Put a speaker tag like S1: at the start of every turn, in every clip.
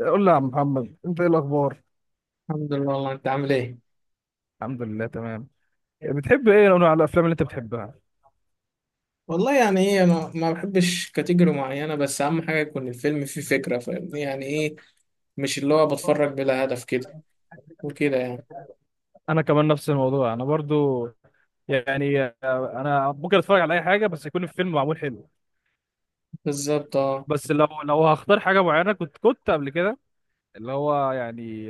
S1: قول لي يا عم محمد، انت ايه الاخبار؟
S2: الحمد لله. والله انت عامل ايه؟
S1: الحمد لله تمام. بتحب ايه نوع من الافلام اللي انت بتحبها؟
S2: والله يعني ايه، انا ما بحبش كاتيجوري معينه، بس اهم حاجه يكون الفيلم فيه فكره، فاهمني يعني ايه؟ مش اللي هو بتفرج بلا هدف كده وكده يعني.
S1: انا كمان نفس الموضوع، انا برضو يعني آه، انا ممكن اتفرج على اي حاجه بس يكون الفيلم معمول حلو.
S2: بالظبط اه.
S1: بس لو هختار حاجه معينه، كنت قبل كده، اللي هو يعني،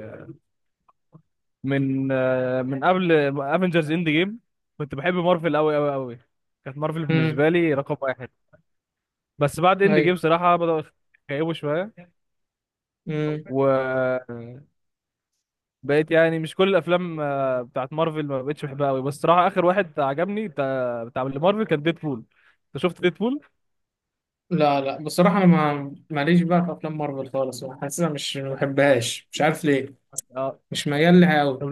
S1: من قبل افنجرز اند جيم كنت بحب مارفل قوي قوي قوي. كانت مارفل
S2: امم.
S1: بالنسبه لي رقم واحد. بس بعد اند
S2: ايوه.
S1: جيم صراحه بدأوا يخيبوا شويه.
S2: امم.
S1: و بقيت يعني مش كل الافلام بتاعت مارفل ما بقتش بحبها قوي، بس صراحه اخر واحد عجبني بتاع اللي مارفل كان ديدبول. انت شفت ديدبول؟
S2: لا لا، بصراحه انا ما ماليش بقى في افلام مارفل خالص، حاسسها مش، ما بحبهاش، مش عارف ليه.
S1: اه،
S2: مش ميال لها قوي.
S1: طب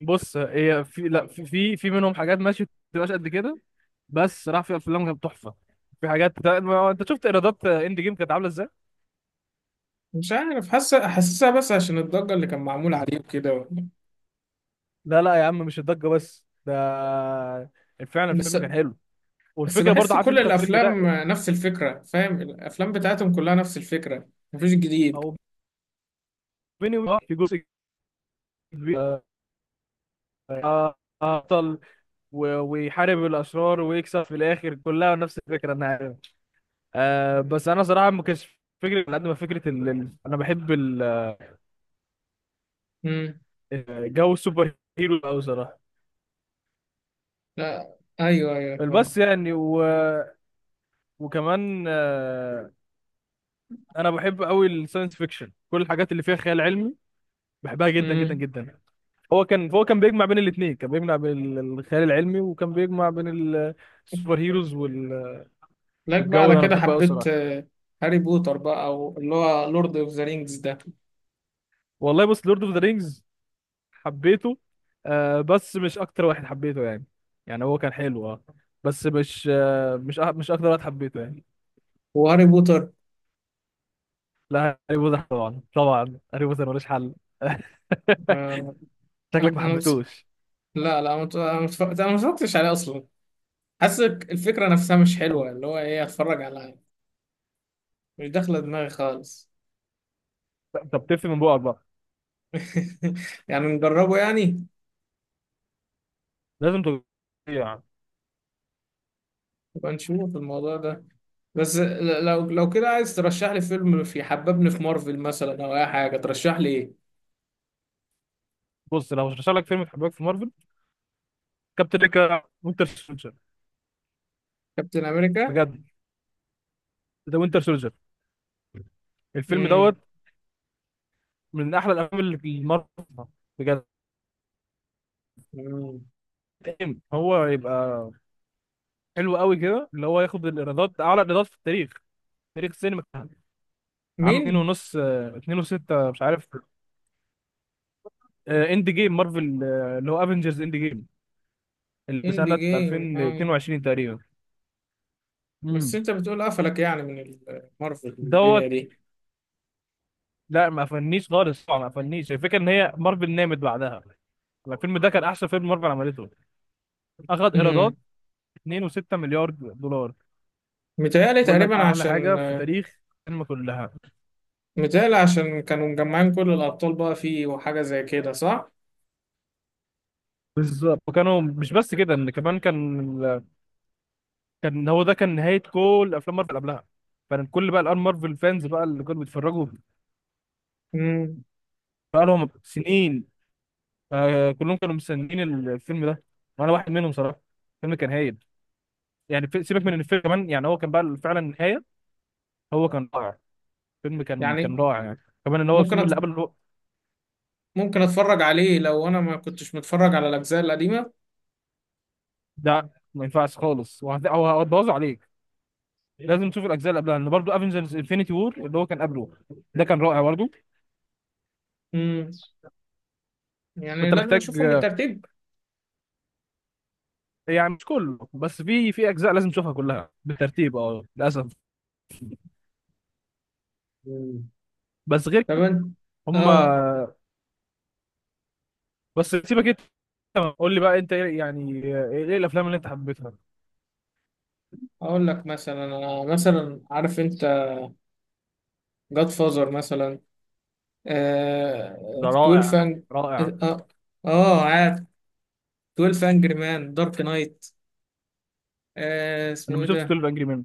S1: بص، هي في لا في في, في منهم حاجات ماشي ما بتبقاش قد كده، بس صراحه في افلام كانت تحفه. في حاجات انت شفت ايرادات اند جيم كانت عامله ازاي؟
S2: مش عارف، حاسسها بس عشان الضجه اللي كان معمول عليه وكده.
S1: لا لا يا عم، مش الضجه بس، ده فعلا
S2: بس.
S1: الفيلم كان حلو.
S2: بس
S1: والفكره برضه،
S2: بحس
S1: عارف
S2: كل
S1: انت الفيلم
S2: الافلام
S1: ده؟
S2: نفس الفكره، فاهم؟ الافلام بتاعتهم كلها نفس الفكره، مفيش جديد.
S1: او، بيني وبينك، في جزء كبير، آه، بطل ويحارب الاشرار ويكسب في الاخر، كلها نفس الفكره، انا عارف. آه بس انا صراحه ما كانش فكره على قد ما فكره انا بحب
S2: امم.
S1: جو السوبر هيرو قوي صراحه.
S2: لا ايوه ايوه فاهم.
S1: بس يعني و... وكمان انا بحب قوي الساينس فيكشن، كل الحاجات اللي فيها خيال علمي بحبها جدا جدا
S2: امم.
S1: جدا. هو كان بيجمع بين الاثنين، كان بيجمع بين الخيال العلمي، وكان بيجمع بين السوبر هيروز
S2: لك بقى
S1: والجو
S2: على
S1: ده انا
S2: كده
S1: بحبه قوي
S2: حبيت
S1: صراحه.
S2: هاري بوتر بقى، او اللي هو لورد اوف ذا رينجز ده.
S1: والله بص، لورد اوف ذا رينجز حبيته، آه بس مش اكتر واحد حبيته يعني. يعني هو كان حلو اه، بس مش مش اكتر واحد حبيته يعني.
S2: وهاري بوتر.
S1: لا هاري بوتر طبعا، طبعا هاري بوتر ملوش حل.
S2: آه.
S1: شكلك ما
S2: انا بس.
S1: حبيتوش؟
S2: لا لا، أنا مت- أنا متف- أنا ما اتفرجتش عليه اصلا. حاسس الفكره نفسها مش حلوه، اللي هو ايه، اتفرج على، مش داخله دماغي خالص.
S1: طب تفهم من بقك بقى.
S2: يعني نجربه يعني.
S1: لازم تجرب.
S2: يبقى نشوف الموضوع ده. بس لو كده عايز ترشح لي فيلم في حببني في مارفل مثلا او اي حاجه، ترشح لي ايه؟
S1: بص، لو هشرح لك فيلم تحبك في مارفل، كابتن امريكا وينتر سولجر،
S2: كابتن امريكا.
S1: بجد، ده وينتر سولجر، الفيلم دوت
S2: امم.
S1: من احلى الافلام اللي في مارفل، بجد.
S2: أمم.
S1: إيه، هو يبقى حلو قوي كده اللي هو ياخد الايرادات، اعلى ايرادات في التاريخ، تاريخ السينما. عام
S2: مين؟
S1: اتنين وستة مش عارف، اند جيم مارفل، اللي هو افنجرز اند جيم، اللي
S2: اند
S1: سنة
S2: جيم اه.
S1: 2022 تقريبا.
S2: بس
S1: امم
S2: انت بتقول قفلك يعني من مارفل والدنيا
S1: دوت.
S2: دي؟
S1: لا ما قفلنيش خالص طبعا، ما قفلنيش. الفكرة ان هي مارفل نامت بعدها يعني. الفيلم ده كان احسن فيلم مارفل عملته، اخد ايرادات
S2: امم.
S1: 2.6 مليار دولار.
S2: متهيألي
S1: بقول لك
S2: تقريبا
S1: اعلى حاجة
S2: عشان،
S1: في تاريخ الفيلم كلها.
S2: متهيألي عشان كانوا مجمعين كل الابطال بقى فيه، وحاجه زي كده، صح؟
S1: بالظبط، وكانوا مش بس كده، ان كمان كان، كان هو ده كان نهايه كل افلام مارفل قبلها، فكان كل بقى الان مارفل فانز بقى اللي كانوا بيتفرجوا
S2: امم.
S1: بقى لهم سنين، فكلهم كانوا مستنيين الفيلم ده، وانا واحد منهم صراحه. الفيلم كان هايل، يعني سيبك من ان الفيلم كمان يعني هو كان بقى فعلا النهايه، هو كان رائع. الفيلم كان
S2: يعني
S1: كان رائع يعني، كمان ان هو
S2: ممكن
S1: الفيلم
S2: أت...
S1: اللي
S2: ممكن اتفرج عليه لو انا ما كنتش متفرج على الاجزاء القديمه؟
S1: ده ما ينفعش خالص، هو هتبوظه عليك. لازم تشوف الاجزاء اللي قبلها، لان برضه افنجرز انفينيتي وور اللي هو كان قبله ده كان رائع برضه.
S2: امم. يعني
S1: فانت
S2: لازم
S1: محتاج
S2: اشوفهم بالترتيب.
S1: يعني مش كله، بس في اجزاء لازم تشوفها كلها بالترتيب، اه للاسف. بس غير
S2: طب
S1: كده،
S2: انت.
S1: هم،
S2: اه.
S1: بس سيبك، انت قول لي بقى انت ايه الافلام اللي انت حبيتها؟
S2: اقول لك مثلا. انا مثلا، عارف انت جاد فازر مثلا؟ آه.
S1: ده
S2: 12
S1: رائع.
S2: فانج.
S1: رائع.
S2: اه اه. عارف 12 انجري مان، دارك نايت، آه اسمه
S1: انا
S2: ايه
S1: ما شفتش
S2: ده،
S1: 12 انجري مان.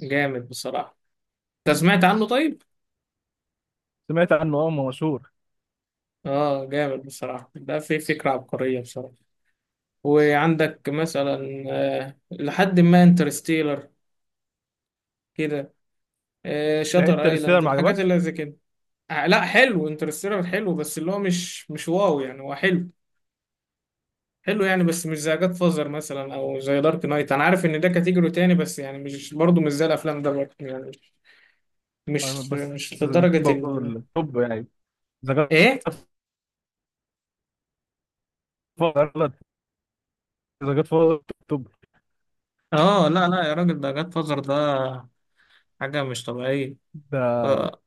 S2: جامد بصراحة. انت سمعت عنه طيب؟
S1: سمعت عنه اه، ما مشهور.
S2: اه، جامد بصراحة، ده في فكرة عبقرية بصراحة. وعندك مثلا آه لحد ما انترستيلر كده، آه شاتر
S1: انترستيلر
S2: ايلاند،
S1: ما
S2: الحاجات
S1: عجبكش؟
S2: اللي زي كده. آه لا، حلو انترستيلر، حلو، بس اللي هو مش مش واو يعني، هو حلو، حلو يعني، بس مش زي جاد فازر مثلا او زي دارك نايت. انا عارف ان ده كاتيجوري تاني، بس يعني مش برضه، مش زي الافلام ده برضه يعني،
S1: أنا
S2: مش
S1: بس
S2: مش لدرجة
S1: برضه
S2: ال.
S1: التوب يعني، ذا جاد
S2: ايه؟
S1: فاذر، ذا جاد فاذر توب.
S2: اه لا لا يا راجل، ده جاد فازر ده حاجة مش طبيعية.
S1: ده
S2: آه،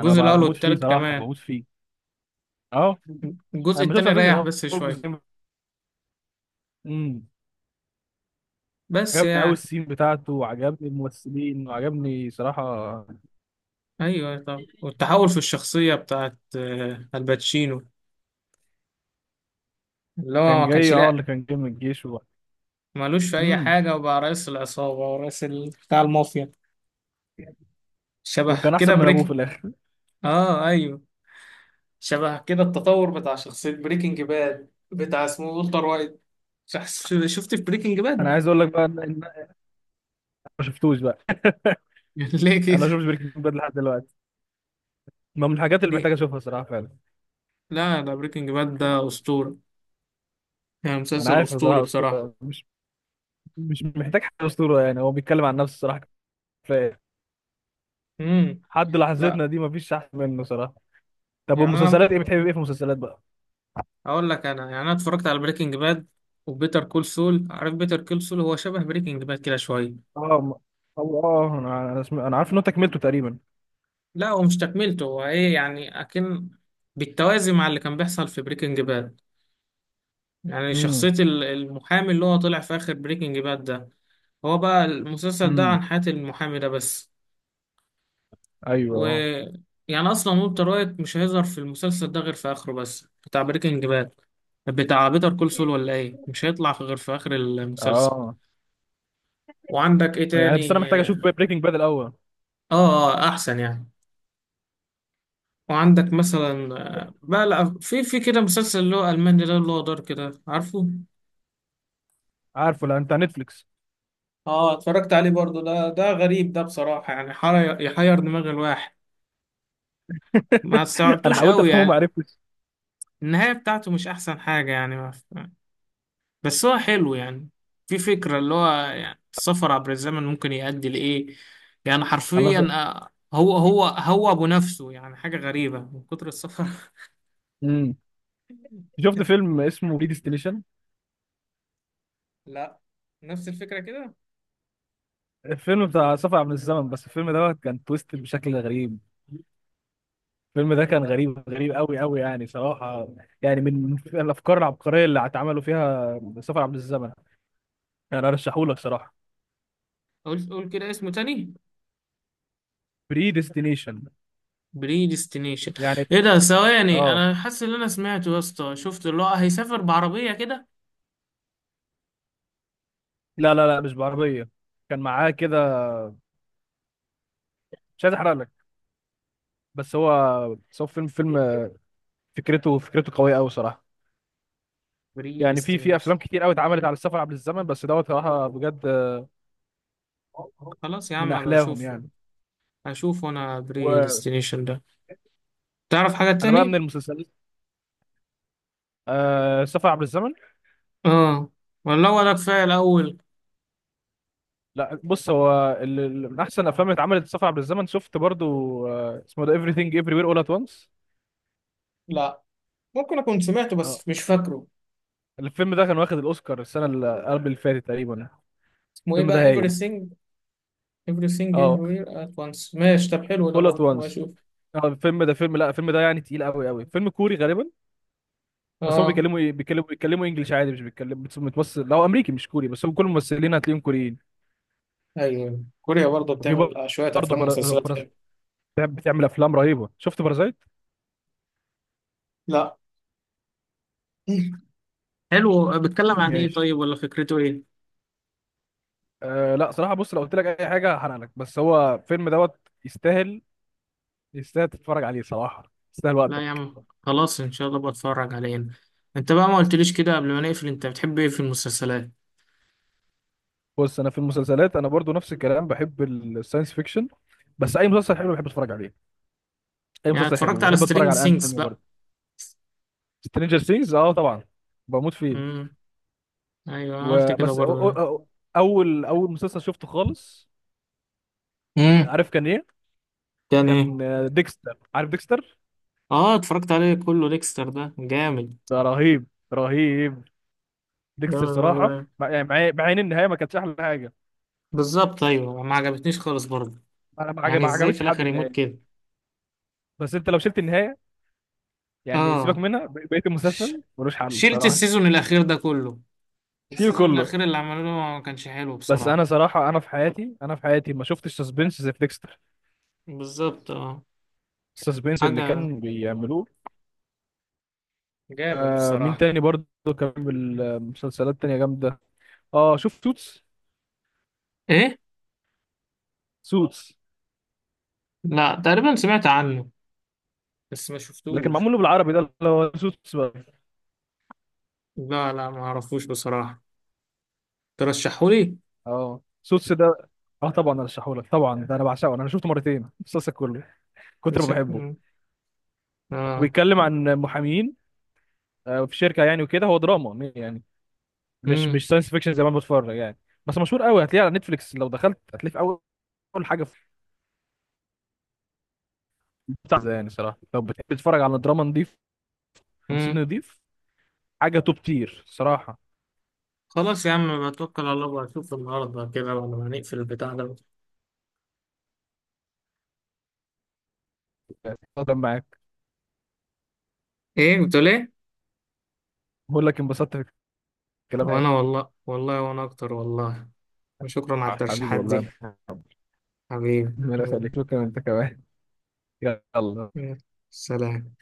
S1: انا
S2: الاول
S1: بموت فيه
S2: والتالت
S1: صراحه،
S2: كمان.
S1: بموت فيه، اه.
S2: الجزء
S1: انا ما شفتش
S2: التاني
S1: على فكره
S2: ريح
S1: غير
S2: بس
S1: اول
S2: شوية.
S1: جزئين. امم.
S2: بس
S1: عجبني قوي
S2: يعني.
S1: السين بتاعته، وعجبني الممثلين، وعجبني صراحه.
S2: ايوه، طب والتحول في الشخصية بتاعت الباتشينو، اللي هو
S1: كان
S2: ما كانش،
S1: جاي اه، اللي
S2: لا،
S1: كان جاي من الجيش
S2: مالوش في اي
S1: امم،
S2: حاجة، وبقى رئيس العصابة ورئيس بتاع المافيا، شبه
S1: وكان
S2: كده
S1: احسن من ابوه في
S2: بريك.
S1: الاخر.
S2: اه ايوه، شبه كده التطور بتاع شخصية بريكنج باد بتاع اسمه والتر وايت. شخص شفت في بريكنج
S1: انا
S2: باد؟
S1: عايز اقول لك بقى ان ما شفتوش بقى.
S2: ليه كده؟
S1: انا ما شفتش بريكنج باد لحد دلوقتي، ما من الحاجات اللي
S2: ليه؟
S1: محتاج اشوفها صراحه فعلا.
S2: لا ده بريكنج باد ده أسطورة، يعني
S1: انا
S2: مسلسل
S1: عارف
S2: أسطوري
S1: صراحه
S2: بصراحة.
S1: اسطوره، مش مش محتاج حاجه اسطوره يعني، هو بيتكلم عن نفسه صراحه، كفايه.
S2: امم.
S1: حد
S2: لا.
S1: لحظتنا دي مفيش احسن منه صراحه. طب
S2: يعني أنا
S1: والمسلسلات
S2: ممكن
S1: ايه، بتحب ايه في المسلسلات بقى؟
S2: أقول لك، أنا يعني، أنا اتفرجت على بريكنج باد وبيتر كول سول. عارف بيتر كول سول؟ هو شبه بريكنج باد كده شوية.
S1: اه ما- أو اه انا انا, سم... أنا عارف ان انت كملته تقريبا.
S2: لا، هو مش تكملته، هو إيه يعني، أكن بالتوازي مع اللي كان بيحصل في بريكنج باد. يعني
S1: امم.
S2: شخصية المحامي اللي هو طلع في آخر بريكنج باد ده، هو بقى المسلسل ده
S1: امم.
S2: عن حياة المحامي ده بس. و،
S1: ايوه، اه.
S2: يعني أصلا والتر وايت مش هيظهر في المسلسل ده غير في آخره بس، بتاع بريكنج باد، بتاع بيتر كول سول، ولا إيه، مش غير في آخر المسلسل.
S1: اه.
S2: وعندك إيه
S1: يعني بس انا
S2: تاني؟
S1: محتاج اشوف
S2: آه
S1: بريكنج باد الاول.
S2: آه، أحسن يعني. وعندك مثلا بقى، لا في كده مسلسل اللي هو ألماني ده اللي هو دار كده، عارفه؟
S1: عارفه؟ لا، انت على نتفليكس؟
S2: اه، اتفرجت عليه برضو، ده ده غريب ده بصراحة، يعني يحير دماغ الواحد. ما
S1: انا
S2: استوعبتوش
S1: حاولت
S2: قوي
S1: افهمه ما
S2: يعني.
S1: عرفتش.
S2: النهاية بتاعته مش أحسن حاجة يعني. بس هو حلو يعني، في فكرة اللي هو يعني السفر عبر الزمن ممكن يؤدي لإيه. يعني
S1: انا ص...
S2: حرفيا هو أبو نفسه يعني، حاجة غريبة من كتر السفر.
S1: مم. شفت فيلم اسمه ريديستليشن؟
S2: لا. نفس الفكرة كده.
S1: الفيلم بتاع سفر عبر الزمن، بس الفيلم دوت كان تويست بشكل غريب. الفيلم ده كان
S2: امم.
S1: غريب غريب قوي قوي يعني صراحة. يعني من الأفكار العبقرية اللي اتعملوا فيها سفر عبر الزمن. يعني أرشحهولك صراحة.
S2: قول قول كده اسمه تاني.
S1: بري ديستنيشن.
S2: بريديستنيشن.
S1: يعني،
S2: ايه ده، ثواني،
S1: اه
S2: انا حاسس ان انا سمعته يا اسطى. شفت اللي هو هيسافر بعربية كده؟
S1: لا لا لا، مش بعربية، كان معاه كده. مش عايز أحرق لك، بس هو بس هو فيلم، فيلم فكرته، فكرته قوية قوي صراحة. يعني في
S2: بريديستنيشن.
S1: أفلام كتير قوي اتعملت على السفر عبر الزمن، بس دوت صراحة بجد،
S2: خلاص يا
S1: من
S2: عم بشوفه،
S1: أحلاهم
S2: اشوفه،
S1: يعني.
S2: اشوفه انا
S1: وأنا
S2: بريديستنيشن ده. تعرف حاجة
S1: بقى من
S2: تاني؟
S1: المسلسلات، آه سفر عبر الزمن.
S2: اه، والله، ولا هو ده كفاية الاول.
S1: لا بص، هو من احسن الافلام اللي اتعملت سفر عبر الزمن، شفت برضو آه اسمه ده everything everywhere all at once؟
S2: لا، ممكن اكون سمعته
S1: اه
S2: بس مش فاكره.
S1: الفيلم ده كان واخد الاوسكار السنه اللي قبل اللي فاتت تقريبا.
S2: اسمه ايه
S1: الفيلم ده
S2: بقى؟
S1: هايل.
S2: everything. everything
S1: اه
S2: everywhere at once، ماشي، طب حلو ده
S1: all at
S2: برضه،
S1: once.
S2: واشوف.
S1: اه الفيلم ده فيلم، لا الفيلم ده يعني تقيل قوي قوي، فيلم كوري غالبا. بس هم
S2: اه.
S1: بيتكلموا ايه، بيتكلموا، بيتكلموا انجلش عادي، مش بيتكلم، متمثل لو امريكي مش كوري، بس هم كل الممثلين هتلاقيهم كوريين.
S2: ايوه، كوريا برضه
S1: وفي
S2: بتعمل شوية
S1: برضه
S2: افلام ومسلسلات حلوه.
S1: بتعمل افلام رهيبه. شفت بارازايت؟
S2: لا، حلو، بيتكلم عن ايه
S1: ماشي.
S2: طيب، ولا فكرته ايه؟
S1: أه لا صراحة بص، لو قلت لك أي حاجة هحرق لك، بس هو فيلم دوت، يستاهل، يستاهل تتفرج عليه صراحة، يستاهل
S2: لا يا
S1: وقتك.
S2: عم خلاص، ان شاء الله بتفرج عليه. انت بقى ما قلتليش كده قبل ما نقفل، انت بتحب ايه في المسلسلات؟
S1: بص أنا في المسلسلات أنا برضو نفس الكلام، بحب الساينس فيكشن، بس أي مسلسل حلو بحب أتفرج عليه. أي
S2: يعني
S1: مسلسل حلو
S2: اتفرجت على
S1: بحب أتفرج
S2: سترينج
S1: على
S2: سينجز
S1: الأنمي
S2: بقى؟
S1: برضه. سترينجر سينجز أه طبعا، بموت فيه.
S2: امم. ايوه أنا قلت كده
S1: وبس أو أو
S2: برضه.
S1: أو أول أول مسلسل شفته خالص،
S2: امم.
S1: عارف كان إيه؟
S2: كان ايه؟
S1: كان ديكستر، عارف ديكستر؟
S2: اه اتفرجت عليه كله، ديكستر ده جامد.
S1: ده رهيب، رهيب.
S2: لا
S1: ديكستر صراحة،
S2: والله،
S1: مع يعني مع مع إن النهاية ما كانتش أحلى حاجة.
S2: بالظبط ايوه، ما عجبتنيش خالص برضه.
S1: أنا
S2: يعني
S1: ما
S2: ازاي في
S1: عجبتش حد
S2: الاخر يموت
S1: النهاية.
S2: كده.
S1: بس انت لو شلت النهايه، يعني سيبك
S2: اه.
S1: منها، بقيه
S2: ش...
S1: المسلسل ملوش حل
S2: شلت
S1: صراحه.
S2: السيزون الاخير ده كله،
S1: شيل
S2: السيزون
S1: كله.
S2: الاخير اللي عملوه ما كانش حلو
S1: بس
S2: بصراحة.
S1: انا صراحه، انا في حياتي ما شفتش سسبنس زي في ديكستر،
S2: بالظبط اه.
S1: السسبنس اللي
S2: حاجة
S1: كان بيعملوه.
S2: جامد
S1: آه مين
S2: بصراحة.
S1: تاني برضه كان بالمسلسلات تانية جامده؟ اه شوف سوتس.
S2: ايه؟
S1: سوتس.
S2: لا تقريبا سمعت عنه بس ما
S1: لكن
S2: شفتوش.
S1: معمول له بالعربي ده اللي هو سوتس بقى.
S2: لا لا ما اعرفوش بصراحة، ترشحولي.
S1: اه سوتس ده اه طبعا ارشحهولك، طبعا ده انا بعشقه، انا شفته مرتين المسلسل كله، كتر ما بحبه.
S2: شكل. اه.
S1: بيتكلم عن محامين في شركه يعني، وكده هو دراما يعني، مش
S2: امم.
S1: مش ساينس فيكشن زي ما أنا بتفرج يعني. بس مشهور قوي، هتلاقيه على نتفليكس لو دخلت هتلاقيه في اول حاجه في بتاع ده يعني صراحه. لو بتحب تتفرج على دراما نضيف، تمثيل
S2: امم.
S1: نضيف، حاجه توب تير صراحه
S2: خلاص يا عم، بتوكل على الله واشوف النهارده كده بعد ما هنقفل البتاع ده.
S1: يعني. اتفضل معاك.
S2: ايه، قلت ليه؟
S1: بقول لك انبسطت في الكلام معاك.
S2: وانا والله، والله وانا اكتر والله. وشكرا على
S1: حبيبي
S2: الترشيحات
S1: والله
S2: دي.
S1: يا محمد.
S2: حبيبي،
S1: ربنا
S2: يلا.
S1: يخليك، شكرا انت كمان. يلا.
S2: يلا. سلام.